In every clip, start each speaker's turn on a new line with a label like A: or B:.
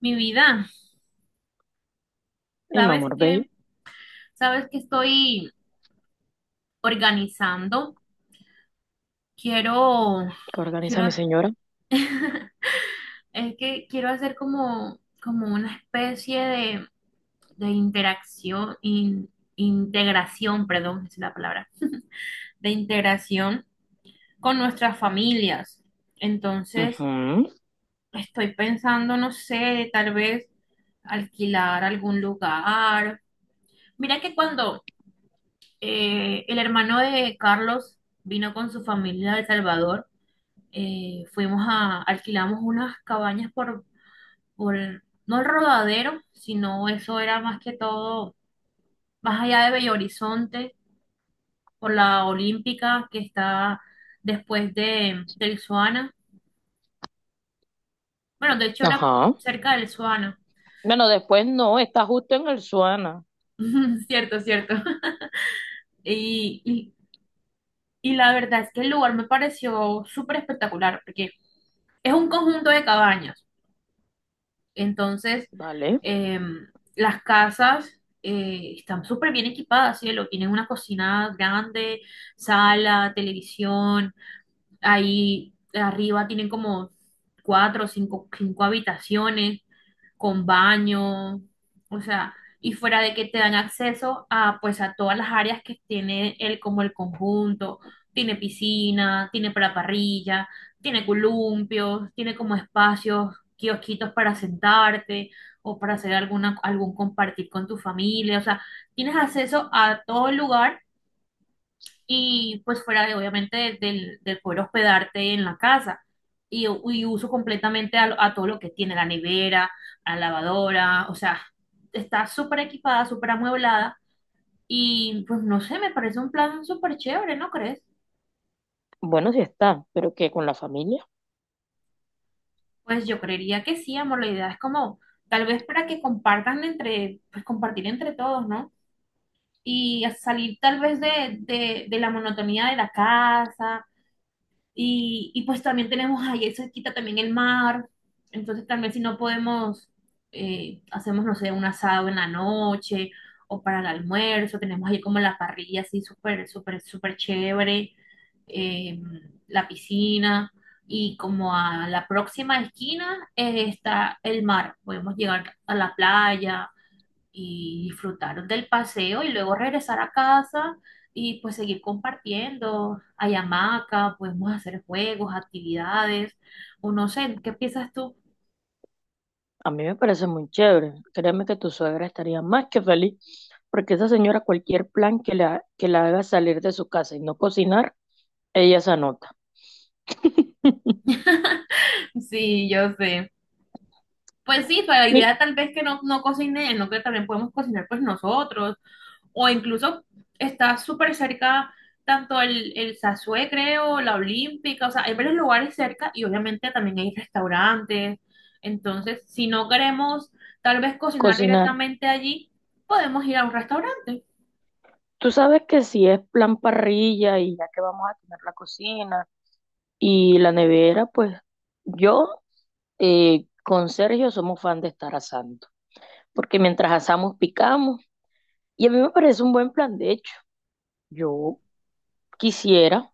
A: Mi vida,
B: Y mi
A: ¿sabes
B: amor bello,
A: qué? ¿Sabes qué estoy organizando? Quiero,
B: que organiza
A: quiero,
B: mi señora.
A: es que quiero hacer como una especie de interacción, integración, perdón, esa es la palabra, de integración con nuestras familias. Entonces,
B: Ujú.
A: estoy pensando, no sé, tal vez alquilar algún lugar. Mira que cuando el hermano de Carlos vino con su familia de El Salvador. Alquilamos unas cabañas por, no el Rodadero, sino eso era más que todo, más allá de Bello Horizonte, por la Olímpica que está después del Suana. Bueno, de hecho era
B: Ajá.
A: cerca del Suana.
B: Bueno, después no, está justo en el Suana.
A: Cierto, cierto. Y, y, y la verdad es que el lugar me pareció súper espectacular, porque es un conjunto de cabañas. Entonces,
B: Vale.
A: eh, las casas están súper bien equipadas, cielo. Tienen una cocina grande, sala, televisión. Ahí arriba tienen como cuatro o cinco habitaciones con baño, o sea, y fuera de que te dan acceso a pues a todas las áreas que tiene el como el conjunto, tiene piscina, tiene para parrilla, tiene columpios, tiene como espacios, kiosquitos para sentarte o para hacer alguna algún compartir con tu familia, o sea, tienes acceso a todo el lugar y pues fuera de obviamente del poder hospedarte en la casa. Y, y uso completamente a todo lo que tiene la nevera, la lavadora, o sea, está súper equipada, súper amueblada y pues no sé, me parece un plan súper chévere, ¿no crees?
B: Bueno, sí está, pero que con la familia.
A: Pues yo creería que sí, amor, la idea es como tal vez para que compartan entre, pues compartir entre todos, ¿no? Y a salir tal vez de la monotonía de la casa. Y pues también tenemos ahí, eso quita también el mar. Entonces también si no podemos, hacemos, no sé, un asado en la noche o para el almuerzo. Tenemos ahí como la parrilla así súper, súper, súper chévere. eh, la piscina y como a la próxima esquina está el mar. Podemos llegar a la playa y disfrutar del paseo y luego regresar a casa y pues seguir compartiendo. Hay hamaca, podemos hacer juegos, actividades, o no sé, ¿qué piensas tú?
B: A mí me parece muy chévere. Créeme que tu suegra estaría más que feliz, porque esa señora cualquier plan que la haga salir de su casa y no cocinar, ella se anota.
A: Sí, yo sé. Pues sí, pero la
B: Mi
A: idea tal vez que no, no cocine, no que también podemos cocinar pues nosotros o incluso está súper cerca tanto el Sasue, creo, la Olímpica, o sea, hay varios lugares cerca y obviamente también hay restaurantes. Entonces, si no queremos tal vez cocinar
B: cocinar.
A: directamente allí, podemos ir a un restaurante.
B: Tú sabes que si es plan parrilla y ya que vamos a tener la cocina y la nevera, pues yo, con Sergio somos fan de estar asando, porque mientras asamos picamos. Y a mí me parece un buen plan, de hecho. Yo quisiera,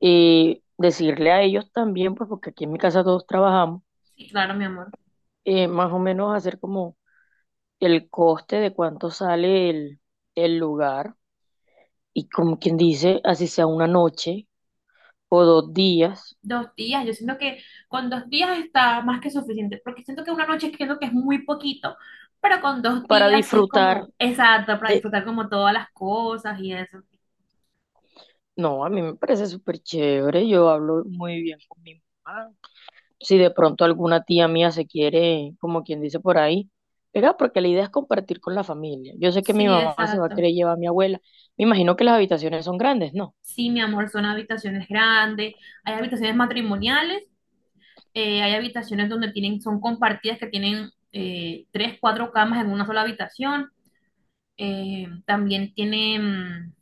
B: decirle a ellos también, pues porque aquí en mi casa todos trabajamos,
A: Sí, claro, mi amor.
B: más o menos hacer como el coste de cuánto sale el lugar y como quien dice, así sea una noche o 2 días
A: 2 días, yo siento que con 2 días está más que suficiente, porque siento que una noche creo que es muy poquito, pero con dos
B: para
A: días sí es
B: disfrutar.
A: como exacto para
B: de-
A: disfrutar como todas las cosas y eso.
B: No, a mí me parece súper chévere, yo hablo muy bien con mi mamá, si de pronto alguna tía mía se quiere, como quien dice, por ahí pegar, porque la idea es compartir con la familia. Yo sé que mi
A: Sí,
B: mamá se va a
A: exacto.
B: querer llevar a mi abuela. Me imagino que las habitaciones son grandes, ¿no?
A: Sí, mi amor, son habitaciones grandes, hay habitaciones matrimoniales, hay habitaciones donde tienen, son compartidas que tienen tres, cuatro camas en una sola habitación. También tienen,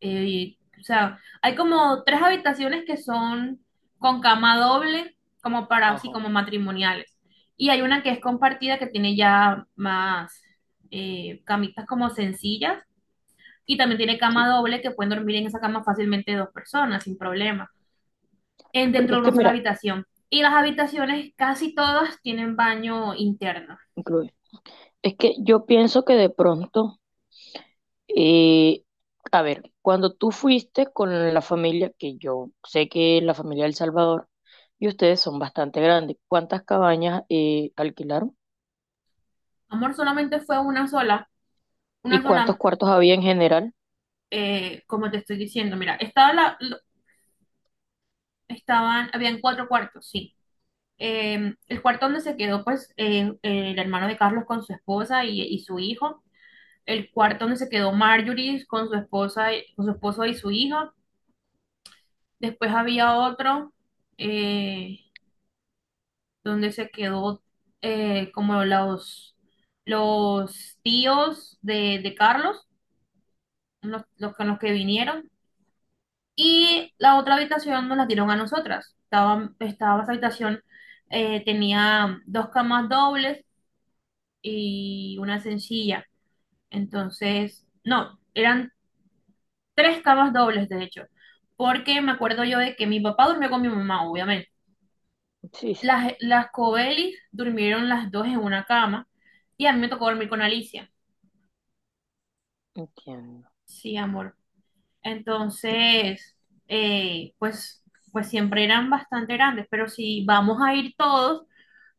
A: o sea, hay como tres habitaciones que son con cama doble, como para así
B: Ajá,
A: como matrimoniales. Y hay una que es compartida que tiene ya más camitas como sencillas y también tiene
B: sí.
A: cama doble que pueden dormir en esa cama fácilmente dos personas sin problema en
B: Porque
A: dentro de
B: es que,
A: una sola
B: mira,
A: habitación. Y las habitaciones casi todas tienen baño interno.
B: incluye. Es que yo pienso que de pronto, eh, a ver, cuando tú fuiste con la familia, que yo sé que es la familia del Salvador, y ustedes son bastante grandes, ¿cuántas cabañas alquilaron?
A: Amor, solamente fue
B: ¿Y
A: una
B: cuántos
A: sola,
B: cuartos había en general?
A: como te estoy diciendo, mira, estaban, habían cuatro cuartos, sí. El cuarto donde se quedó, pues, el hermano de Carlos con su esposa y su hijo. El cuarto donde se quedó Marjorie con su esposa, con su esposo y su hijo. Después había otro, eh, donde se quedó como los tíos de Carlos, los con los que vinieron, y la otra habitación nos la dieron a nosotras. Estaba esa habitación, tenía dos camas dobles y una sencilla. Entonces, no, eran tres camas dobles, de hecho, porque me acuerdo yo de que mi papá durmió con mi mamá, obviamente.
B: Sí, sí,
A: Las Cobelis durmieron las dos en una cama y a mí me tocó dormir con Alicia.
B: entiendo.
A: Sí, amor. Entonces, eh, pues, pues siempre eran bastante grandes, pero si vamos a ir todos,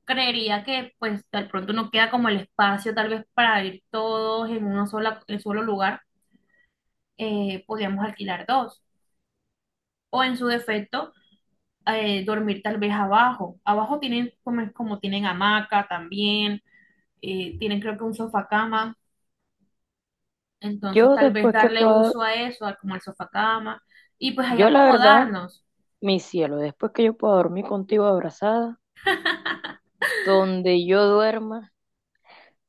A: creería que pues de pronto no queda como el espacio tal vez para ir todos en solo lugar, podríamos alquilar dos. O en su defecto, dormir tal vez abajo. Abajo tienen como tienen hamaca también, tienen creo que un sofá cama, entonces
B: Yo
A: tal vez
B: después que
A: darle
B: pueda,
A: uso a eso, a como el sofá cama, y pues ahí
B: yo la verdad,
A: acomodarnos.
B: mi cielo, después que yo pueda dormir contigo abrazada, donde yo duerma,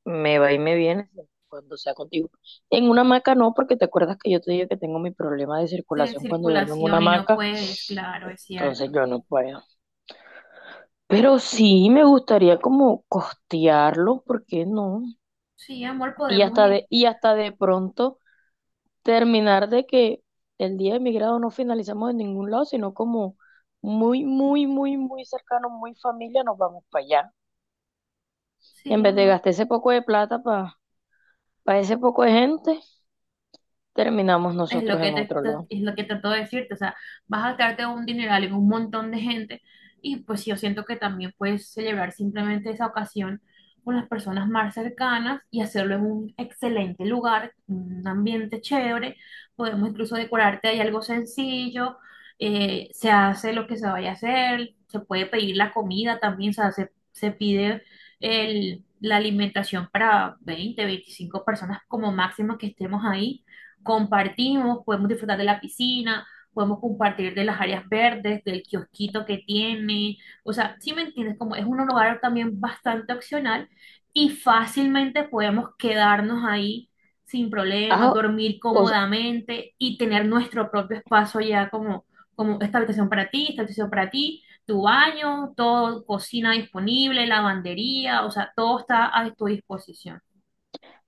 B: me va y me viene siempre y cuando sea contigo. En una hamaca no, porque te acuerdas que yo te dije que tengo mi problema de
A: De
B: circulación cuando duermo en una
A: circulación y no
B: hamaca,
A: puedes, claro, es
B: entonces
A: cierto.
B: yo no puedo. Pero sí me gustaría como costearlo, ¿por qué no?
A: Sí, amor,
B: Y
A: podemos
B: hasta de,
A: ir.
B: y hasta de pronto terminar de que el día de mi grado no finalizamos en ningún lado, sino como muy, muy, muy, muy cercano, muy familia, nos vamos para allá.
A: Sí,
B: En vez de
A: amor.
B: gastar ese poco de plata para ese poco de gente, terminamos
A: Es lo
B: nosotros
A: que
B: en
A: te,
B: otro
A: te-
B: lado.
A: es lo que trato de decirte, o sea, vas a gastarte un dineral en un montón de gente y pues yo siento que también puedes celebrar simplemente esa ocasión con las personas más cercanas y hacerlo en un excelente lugar, un ambiente chévere, podemos incluso decorarte ahí algo sencillo, se hace lo que se vaya a hacer, se puede pedir la comida también, o sea, se pide la alimentación para 20 25 personas como máximo que estemos ahí compartimos, podemos disfrutar de la piscina, podemos compartir de las áreas verdes, del kiosquito que tiene, o sea, si me entiendes, como es un lugar también bastante opcional y fácilmente podemos quedarnos ahí sin problemas,
B: Ah,
A: dormir
B: o sea,
A: cómodamente y tener nuestro propio espacio ya como, esta habitación para ti, esta habitación para ti, tu baño, todo, cocina disponible, lavandería, o sea, todo está a tu disposición.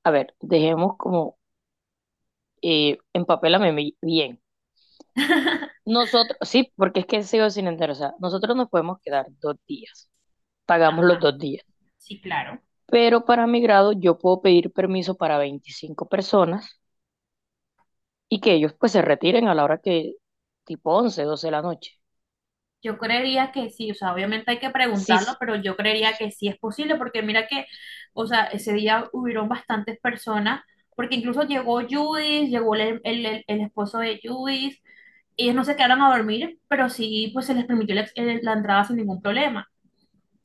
B: a ver, dejemos como, empapélame bien. Nosotros, sí, porque es que sigo sin entender, o sea, nosotros nos podemos quedar 2 días, pagamos los
A: Ajá,
B: 2 días,
A: sí, claro.
B: pero para mi grado yo puedo pedir permiso para 25 personas y que ellos pues se retiren a la hora que, tipo 11, 12 de la noche.
A: Yo creería que sí, o sea, obviamente hay que
B: Sí,
A: preguntarlo,
B: s-
A: pero yo creería que sí es posible, porque mira que, o sea, ese día hubieron bastantes personas, porque incluso llegó Judith, llegó el esposo de Judith, ellos no se quedaron a dormir, pero sí, pues se les permitió la entrada sin ningún problema.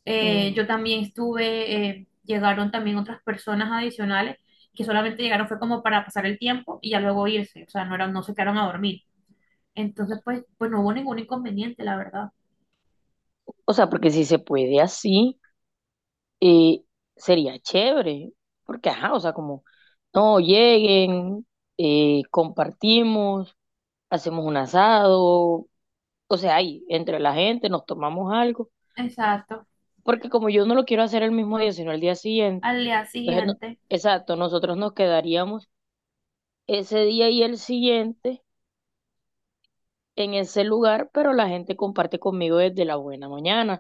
B: mm.
A: Yo también estuve, llegaron también otras personas adicionales que solamente llegaron fue como para pasar el tiempo y ya luego irse, o sea, no, no se quedaron a dormir. Entonces, pues no hubo ningún inconveniente, la verdad.
B: O sea, porque si se puede así, eh, sería chévere, porque ajá, o sea, como, no, lleguen, compartimos, hacemos un asado, o sea, ahí, entre la gente, nos tomamos algo,
A: Exacto.
B: porque como yo no lo quiero hacer el mismo día, sino el día siguiente.
A: Al día
B: Entonces,
A: siguiente.
B: exacto, nosotros nos quedaríamos ese día y el siguiente en ese lugar, pero la gente comparte conmigo desde la buena mañana.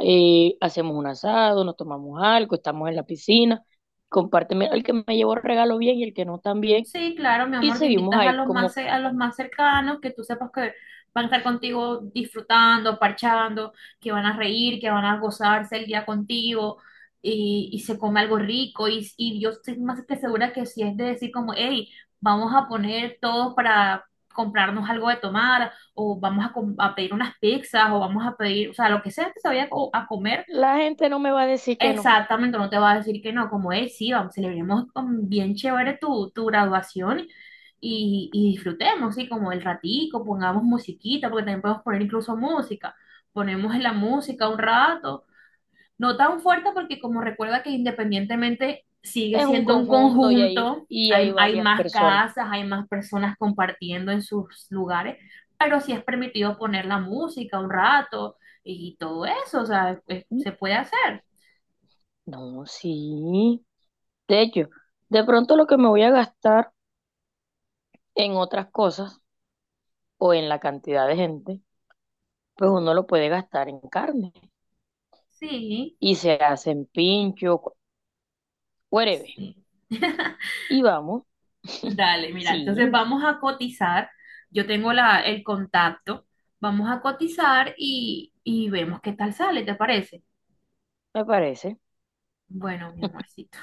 B: Hacemos un asado, nos tomamos algo, estamos en la piscina, compárteme el que me llevó regalo bien y el que no también,
A: Sí, claro, mi
B: y
A: amor, te
B: seguimos
A: invitas
B: ahí, como
A: a los más cercanos, que tú sepas que van a estar contigo disfrutando, parchando, que van a reír, que van a gozarse el día contigo y se come algo rico. Y yo estoy más que segura que si es de decir como, hey, vamos a poner todos para comprarnos algo de tomar o vamos a pedir unas pizzas o vamos a pedir, o sea, lo que sea que se vaya a comer.
B: la gente no me va a decir que no.
A: Exactamente, no te va a decir que no, como es, sí, vamos, celebremos con bien chévere tu graduación y disfrutemos, sí, como el ratico, pongamos musiquita, porque también podemos poner incluso música, ponemos la música un rato, no tan fuerte porque como recuerda que independientemente sigue
B: Es un
A: siendo un
B: conjunto
A: conjunto,
B: y hay
A: hay
B: varias
A: más
B: personas.
A: casas, hay más personas compartiendo en sus lugares, pero sí es permitido poner la música un rato y todo eso, o sea, pues, se puede hacer,
B: No, sí, de hecho, de pronto lo que me voy a gastar en otras cosas o en la cantidad de gente, pues uno lo puede gastar en carne
A: sí.
B: y se hacen pinchos. Whatever.
A: Sí.
B: Y vamos.
A: Dale, mira,
B: Sí,
A: entonces vamos a cotizar. Yo tengo el contacto. Vamos a cotizar y vemos qué tal sale, ¿te parece?
B: me parece.
A: Bueno, mi amorcito.